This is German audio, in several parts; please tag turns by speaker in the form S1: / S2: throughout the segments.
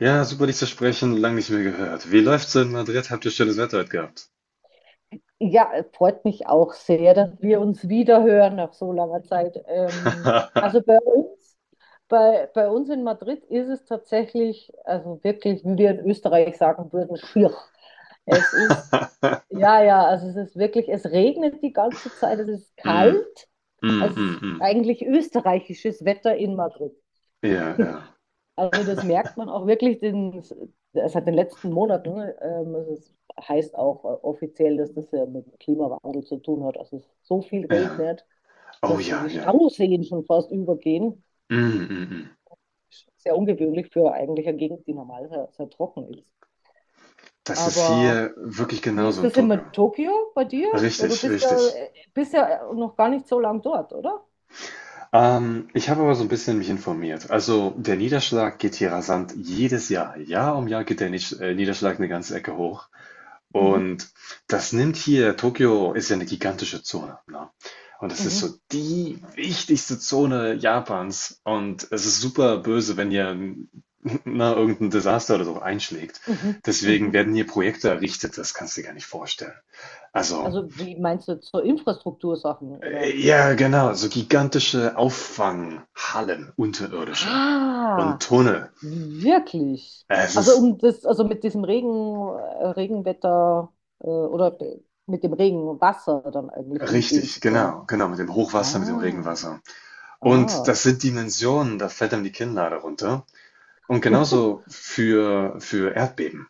S1: Ja, super dich zu sprechen, lang nicht mehr gehört. Wie läuft's in Madrid? Habt ihr schönes Wetter heute gehabt?
S2: Ja, freut mich auch sehr, dass wir uns wiederhören nach so langer Zeit. Also bei uns, bei uns in Madrid ist es tatsächlich, also wirklich, wie wir in Österreich sagen würden, schier. Es ist, ja, also es ist wirklich, es regnet die ganze Zeit, es ist
S1: Mm,
S2: kalt.
S1: mm,
S2: Es
S1: mm,
S2: ist
S1: mm.
S2: eigentlich österreichisches Wetter in Madrid.
S1: Ja, ja,
S2: Also das merkt man auch wirklich, den, es hat in den letzten Monaten, es ist, heißt auch offiziell, dass das ja mit dem Klimawandel zu tun hat, also es so viel
S1: ja.
S2: regnet,
S1: Oh
S2: dass so
S1: ja,
S2: die
S1: ja.
S2: Stauseen schon fast übergehen.
S1: Mm, mm, mm.
S2: Sehr ungewöhnlich für eigentlich eine Gegend, die normal sehr, sehr trocken ist.
S1: Das ist
S2: Aber
S1: hier wirklich
S2: wie
S1: genauso
S2: ist
S1: in
S2: das in
S1: Tucke.
S2: Tokio bei dir? Weil du
S1: Richtig, richtig.
S2: bist ja noch gar nicht so lang dort, oder?
S1: Ich habe aber so ein bisschen mich informiert. Also der Niederschlag geht hier rasant jedes Jahr. Jahr um Jahr geht der Niederschlag eine ganze Ecke hoch.
S2: Mhm,
S1: Und das nimmt hier, Tokio ist ja eine gigantische Zone, ne? Und das ist
S2: mhm,
S1: so die wichtigste Zone Japans und es ist super böse, wenn hier na irgendein Desaster oder so einschlägt.
S2: mhm,
S1: Deswegen
S2: mhm.
S1: werden hier Projekte errichtet, das kannst du dir gar nicht vorstellen. Also
S2: Also wie meinst du, zur Infrastruktursachen, oder?
S1: ja, genau, so gigantische Auffanghallen, unterirdische und
S2: Ah,
S1: Tunnel.
S2: wirklich?
S1: Es
S2: Also
S1: ist
S2: um das, also mit diesem Regen, Regenwetter oder mit dem Regenwasser dann eigentlich umgehen
S1: richtig,
S2: zu können.
S1: genau, genau, mit dem Hochwasser, mit dem
S2: Ah,
S1: Regenwasser. Und
S2: ah,
S1: das sind Dimensionen, da fällt einem die Kinnlade runter. Und genauso für Erdbeben.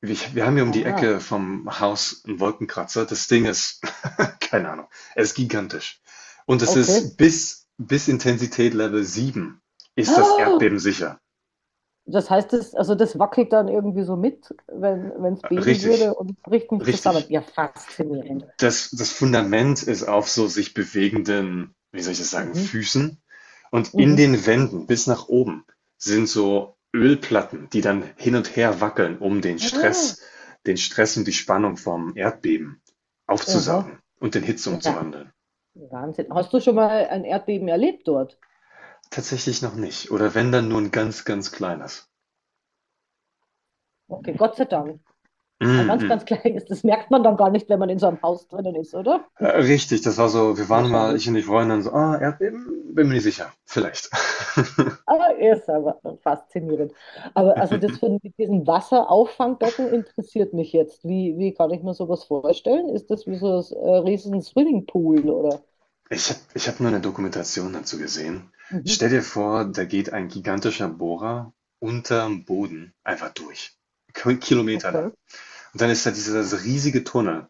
S1: Wir haben hier um die
S2: ah,
S1: Ecke vom Haus einen Wolkenkratzer. Das Ding ist, keine Ahnung, es ist gigantisch. Und es
S2: okay.
S1: ist bis Intensität Level 7 ist das
S2: Ah,
S1: Erdbeben sicher.
S2: das heißt, das, also das wackelt dann irgendwie so mit, wenn wenn es beben
S1: Richtig,
S2: würde und bricht nicht zusammen.
S1: richtig,
S2: Ja, faszinierend.
S1: das Fundament ist auf so sich bewegenden, wie soll ich das sagen,
S2: Mhm,
S1: Füßen. Und in
S2: mhm.
S1: den Wänden bis nach oben sind so Ölplatten, die dann hin und her wackeln, um
S2: Ah,
S1: Den Stress und die Spannung vom Erdbeben
S2: aha.
S1: aufzusaugen und in Hitze
S2: Ja,
S1: umzuwandeln.
S2: Wahnsinn. Hast du schon mal ein Erdbeben erlebt dort?
S1: Tatsächlich noch nicht. Oder wenn dann nur ein ganz, ganz kleines.
S2: Okay, Gott sei Dank. Ein
S1: Mm
S2: ganz,
S1: -mm.
S2: ganz kleines, das merkt man dann gar nicht, wenn man in so einem Haus drinnen ist, oder?
S1: Richtig, das war so, wir waren mal, ich
S2: Wahrscheinlich.
S1: und die Freundin, so, ah, Erdbeben? Bin mir nicht sicher. Vielleicht.
S2: Aber er ist aber faszinierend. Aber also das von, mit diesem Wasserauffangbecken interessiert mich jetzt. Wie kann ich mir sowas vorstellen? Ist das wie so ein riesen Swimmingpool oder?
S1: Ich hab mal eine Dokumentation dazu gesehen.
S2: Mhm.
S1: Stell dir vor, da geht ein gigantischer Bohrer unterm Boden einfach durch. Kilometer
S2: Okay.
S1: lang. Und dann ist da dieser
S2: Aha.
S1: riesige Tunnel.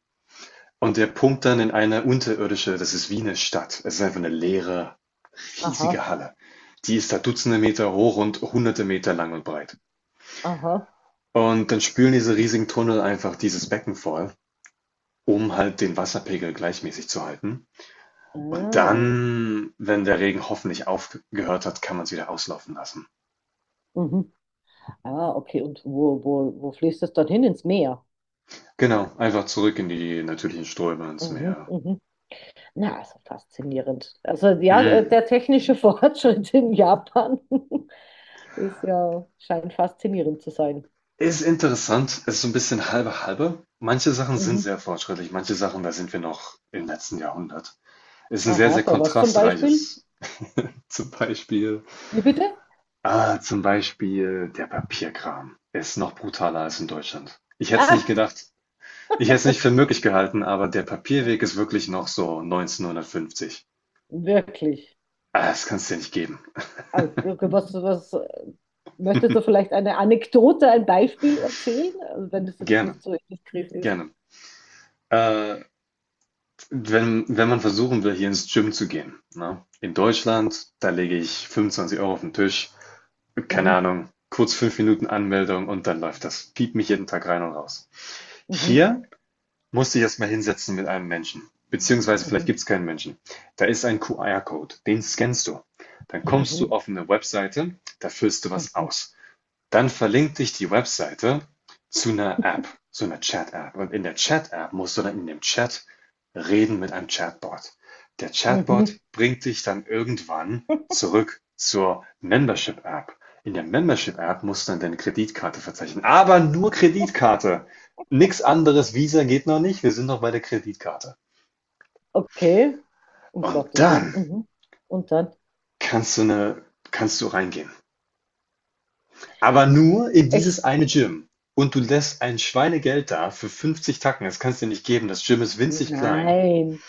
S1: Und der pumpt dann in eine unterirdische, das ist wie eine Stadt. Es ist einfach eine leere,
S2: Aha.
S1: riesige Halle. Die ist da Dutzende Meter hoch und Hunderte Meter lang und breit.
S2: Aha.
S1: Und dann spülen diese riesigen Tunnel einfach dieses Becken voll, um halt den Wasserpegel gleichmäßig zu halten. Und
S2: Ah.
S1: dann, wenn der Regen hoffentlich aufgehört hat, kann man es wieder auslaufen lassen.
S2: Mhm. Ah, okay. Und wo fließt das dann hin? Ins Meer?
S1: Genau, einfach zurück in die natürlichen Ströme, ins
S2: Mhm,
S1: Meer.
S2: mhm. Na, also faszinierend. Also ja,
S1: Mm.
S2: der technische Fortschritt in Japan. Ist ja, scheint faszinierend zu sein.
S1: Ist interessant, ist so ein bisschen halbe halbe. Manche Sachen sind
S2: Mhm.
S1: sehr fortschrittlich, manche Sachen, da sind wir noch im letzten Jahrhundert. Ist ein sehr,
S2: Aha,
S1: sehr
S2: bei was zum Beispiel?
S1: kontrastreiches. Zum Beispiel,
S2: Wie bitte?
S1: ah, zum Beispiel der Papierkram ist noch brutaler als in Deutschland. Ich hätte es nicht
S2: Ah,
S1: gedacht, ich hätte es nicht für möglich gehalten, aber der Papierweg ist wirklich noch so 1950.
S2: wirklich.
S1: Ah, das kannst du dir nicht geben.
S2: Also, Was, was, möchtest du vielleicht eine Anekdote, ein Beispiel erzählen? Also, wenn das jetzt
S1: Gerne,
S2: nicht so indiskret ist.
S1: gerne. Äh, wenn man versuchen will, hier ins Gym zu gehen, ne? In Deutschland, da lege ich 25 Euro auf den Tisch, keine
S2: Mhm,
S1: Ahnung, kurz 5 Minuten Anmeldung und dann läuft das. Piep mich jeden Tag rein und raus.
S2: mhm,
S1: Hier musste ich erstmal hinsetzen mit einem Menschen, beziehungsweise vielleicht
S2: mhm,
S1: gibt es keinen Menschen. Da ist ein QR-Code, den scannst du. Dann kommst du
S2: mhm,
S1: auf eine Webseite, da füllst du was
S2: mhm,
S1: aus. Dann verlinkt dich die Webseite zu einer App, zu einer Chat-App. Und in der Chat-App musst du dann in dem Chat reden mit einem Chatbot. Der
S2: mhm.
S1: Chatbot bringt dich dann irgendwann zurück zur Membership-App. In der Membership-App musst du dann deine Kreditkarte verzeichnen, aber nur Kreditkarte. Nix anderes, Visa geht noch nicht, wir sind noch bei der Kreditkarte.
S2: Okay, um
S1: Und
S2: Gottes Willen.
S1: dann
S2: Mhm. Und dann?
S1: kannst du eine, kannst du reingehen. Aber nur in
S2: Echt?
S1: dieses eine Gym. Und du lässt ein Schweinegeld da für 50 Tacken. Das kannst du dir nicht geben. Das Gym ist winzig klein.
S2: Nein.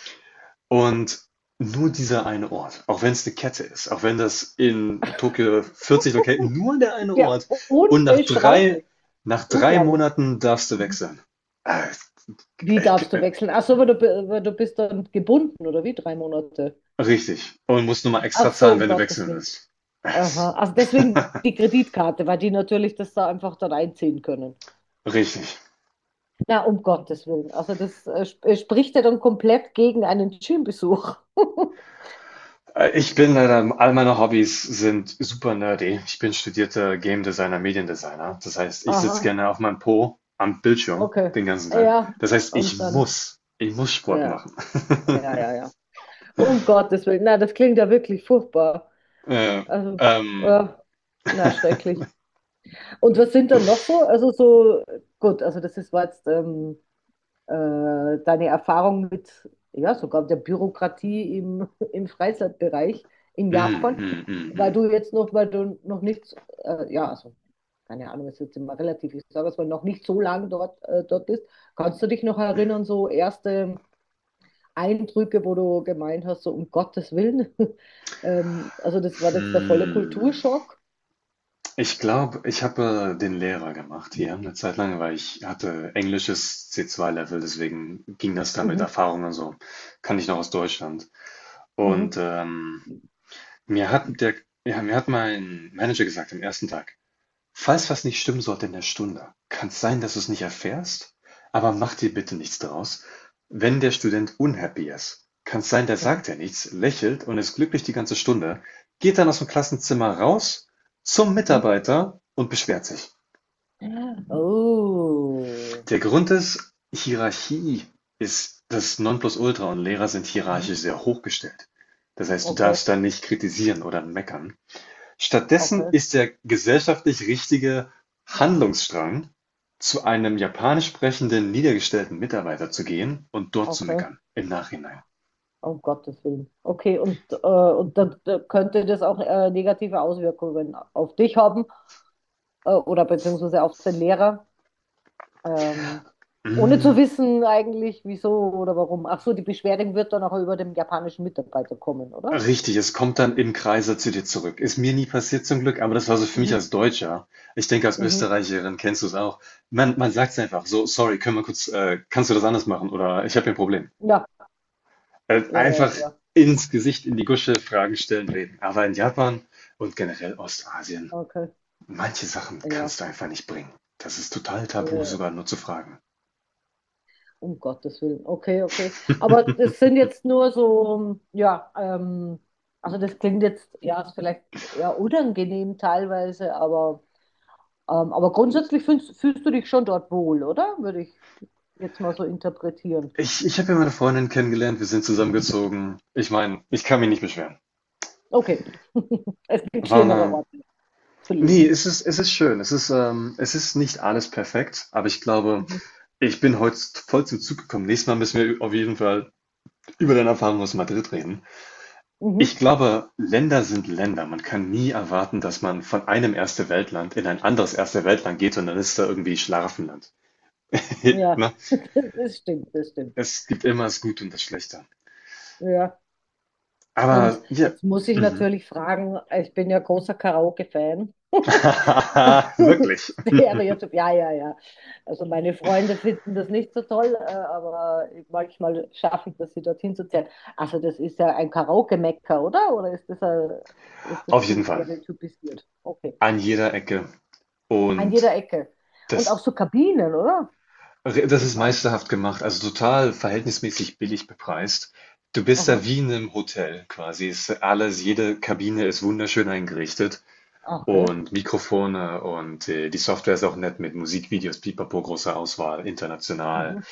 S1: Und nur dieser eine Ort, auch wenn es eine Kette ist, auch wenn das in Tokio 40 Locations, nur der eine
S2: Ja,
S1: Ort. Und
S2: unbeschreiblich.
S1: nach drei
S2: Unglaublich.
S1: Monaten darfst du
S2: Mhm.
S1: wechseln. Äh,
S2: Wie
S1: ich-
S2: darfst du
S1: äh,
S2: wechseln? Ach so, aber du, aber du bist dann gebunden, oder wie? Drei Monate.
S1: Richtig. Und musst nur mal
S2: Ach
S1: extra
S2: so,
S1: zahlen,
S2: um
S1: wenn du
S2: Gottes
S1: wechseln
S2: Willen.
S1: willst.
S2: Aha.
S1: Es-
S2: Also deswegen die Kreditkarte, weil die natürlich das da einfach dann einziehen können.
S1: Richtig.
S2: Na, um Gottes Willen. Also das sp spricht ja dann komplett gegen einen Gymbesuch.
S1: Ich bin leider, all meine Hobbys sind super nerdy. Ich bin studierter Game Designer, Mediendesigner. Das heißt, ich sitze
S2: Aha,
S1: gerne auf meinem Po am Bildschirm
S2: okay.
S1: den ganzen Tag.
S2: Ja,
S1: Das heißt,
S2: und dann,
S1: ich muss Sport
S2: ja,
S1: machen.
S2: ja, ja, ja. Um Gottes Willen. Na, das klingt ja wirklich furchtbar.
S1: Äh,
S2: Also,
S1: ähm,
S2: äh, na, schrecklich. Und was sind dann noch so? Also so, gut, also das ist war jetzt deine Erfahrung mit, ja, sogar der Bürokratie im, im Freizeitbereich in
S1: mm,
S2: Japan,
S1: mm, mm,
S2: weil
S1: mm.
S2: du jetzt noch, weil du noch nicht, ja, also keine Ahnung, ist jetzt immer relativ, ich sage es mal, noch nicht so lang dort, dort bist. Kannst du dich noch erinnern, so erste Eindrücke, wo du gemeint hast, so um Gottes Willen? Also das war jetzt der volle
S1: Hm.
S2: Kulturschock.
S1: Ich glaube, ich habe den Lehrer gemacht hier eine Zeit lang, weil ich hatte englisches C2-Level, deswegen ging das da mit
S2: Mhm,
S1: Erfahrung und so. Kann ich noch aus Deutschland. Und
S2: mhm,
S1: Mir hat der, ja, mir hat mein Manager gesagt am ersten Tag, falls was nicht stimmen sollte in der Stunde, kann es sein, dass du es nicht erfährst, aber mach dir bitte nichts draus. Wenn der Student unhappy ist, kann es sein, der
S2: mhm,
S1: sagt ja nichts, lächelt und ist glücklich die ganze Stunde, geht dann aus dem Klassenzimmer raus zum
S2: mhm.
S1: Mitarbeiter und beschwert sich.
S2: Oh.
S1: Der Grund ist, Hierarchie ist das Nonplusultra und Lehrer sind
S2: Mhm.
S1: hierarchisch sehr hochgestellt. Das heißt, du
S2: Okay,
S1: darfst da nicht kritisieren oder meckern. Stattdessen
S2: okay,
S1: ist der gesellschaftlich richtige Handlungsstrang, zu einem japanisch sprechenden, niedergestellten Mitarbeiter zu gehen und dort zu
S2: okay.
S1: meckern im Nachhinein.
S2: Um Gottes Willen. Okay, und dann könnte das auch negative Auswirkungen auf dich haben oder beziehungsweise auf den Lehrer, ähm, ohne zu
S1: Hm,
S2: wissen eigentlich, wieso oder warum. Ach so, die Beschwerde wird dann auch über den japanischen Mitarbeiter kommen, oder?
S1: Richtig, es kommt dann im Kreise zu dir zurück. Ist mir nie passiert zum Glück, aber das war so für mich
S2: Mhm.
S1: als Deutscher. Ich denke, als
S2: Mhm.
S1: Österreicherin kennst du es auch. Man sagt es einfach so, sorry, können wir kurz, kannst du das anders machen oder ich habe hier ein Problem.
S2: Ja, ja, ja,
S1: Einfach
S2: ja.
S1: ins Gesicht, in die Gusche, Fragen stellen, reden. Aber in Japan und generell Ostasien,
S2: Okay,
S1: manche Sachen
S2: ja.
S1: kannst du einfach nicht bringen. Das ist total tabu,
S2: Äh,
S1: sogar nur zu fragen.
S2: um Gottes Willen. Okay, okay. Aber das sind jetzt nur so, ja, also das klingt jetzt, ja, ist vielleicht ja unangenehm teilweise, aber. Aber grundsätzlich fühlst du dich schon dort wohl, oder? Würde ich jetzt mal so interpretieren.
S1: Ich habe ja meine Freundin kennengelernt, wir sind zusammengezogen. Ich meine, ich kann mich nicht beschweren.
S2: Okay. Es gibt
S1: War
S2: schlimmere
S1: eine,
S2: Orte zu leben.
S1: Es ist, es ist schön. Es ist nicht alles perfekt, aber ich glaube,
S2: Mhm.
S1: ich bin heute voll zum Zug gekommen. Nächstes Mal müssen wir auf jeden Fall über deine Erfahrung aus Madrid reden. Ich
S2: Mhm.
S1: glaube, Länder sind Länder. Man kann nie erwarten, dass man von einem Erste welt land in ein anderes Erste welt land geht und dann ist da irgendwie Schlaraffenland.
S2: Ja,
S1: Na?
S2: das stimmt, das stimmt.
S1: Es gibt immer das Gute und das Schlechte.
S2: Ja. Und
S1: Aber ja,
S2: jetzt muss ich
S1: mhm.
S2: natürlich fragen, ich bin ja großer Karaoke-Fan.
S1: Wirklich.
S2: Stereotyp, ja, ja, ja. Also meine Freunde finden das nicht so toll, aber manchmal schaffe ich das, sie dorthin zu zerren. Also das ist ja ein Karaoke-Mecker, oder? Oder ist das, ein, ist das
S1: Auf
S2: zu
S1: jeden Fall.
S2: stereotypisiert? Okay.
S1: An jeder Ecke.
S2: An
S1: Und
S2: jeder Ecke. Und auch
S1: das,
S2: so Kabinen, oder?
S1: das
S2: Das
S1: ist
S2: meiste.
S1: meisterhaft gemacht, also total verhältnismäßig billig bepreist. Du bist da
S2: Aha.
S1: wie in einem Hotel quasi. Es ist alles, jede Kabine ist wunderschön eingerichtet
S2: Ah, okay.
S1: und Mikrofone und die Software ist auch nett mit Musikvideos, Pipapo, großer Auswahl, international.
S2: Mhm.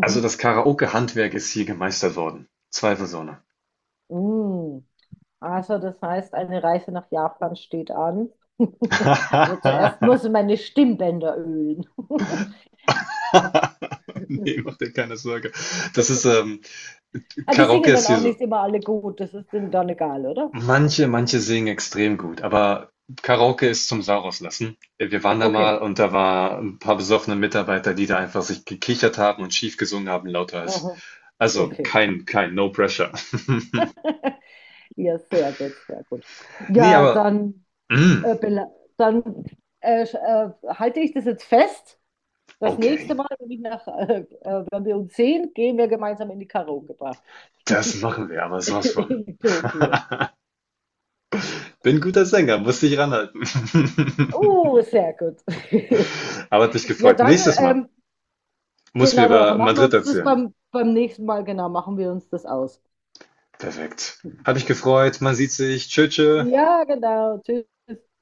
S1: Also das Karaoke-Handwerk ist hier gemeistert worden. Zweifelsohne.
S2: Mm. Also das heißt, eine Reise nach Japan steht an. Aber zuerst muss ich meine Stimmbänder ölen.
S1: Ne, mach dir keine Sorge. Das ist, ähm,
S2: Ah, die
S1: Karaoke
S2: singen
S1: ist
S2: dann
S1: hier
S2: auch
S1: so.
S2: nicht immer alle gut, das ist denen dann egal, oder?
S1: Manche singen extrem gut, aber Karaoke ist zum Sauerauslassen. Wir waren da mal
S2: Okay,
S1: und da war ein paar besoffene Mitarbeiter, die da einfach sich gekichert haben und schief gesungen haben, lauter als.
S2: aha,
S1: Also
S2: okay.
S1: kein, kein, no pressure.
S2: Ja, sehr gut, sehr gut.
S1: Nee,
S2: Ja,
S1: aber,
S2: dann,
S1: mm,
S2: äh, bela- dann halte ich das jetzt fest. Das nächste
S1: okay,
S2: Mal, wenn, ich nach, wenn wir uns sehen, gehen wir gemeinsam in die Karaoke-Bar
S1: das machen wir, aber sowas von.
S2: in Tokio.
S1: Bin ein guter Sänger, muss dich ranhalten.
S2: Oh, sehr gut.
S1: Aber hat mich
S2: Ja,
S1: gefreut.
S2: dann,
S1: Nächstes Mal muss mir
S2: genau, dann
S1: über
S2: machen wir
S1: Madrid
S2: uns das
S1: erzählen.
S2: beim nächsten Mal, genau, machen wir uns das aus.
S1: Perfekt. Hat mich gefreut. Man sieht sich. Tschö, tschö.
S2: Ja, genau, tschüss.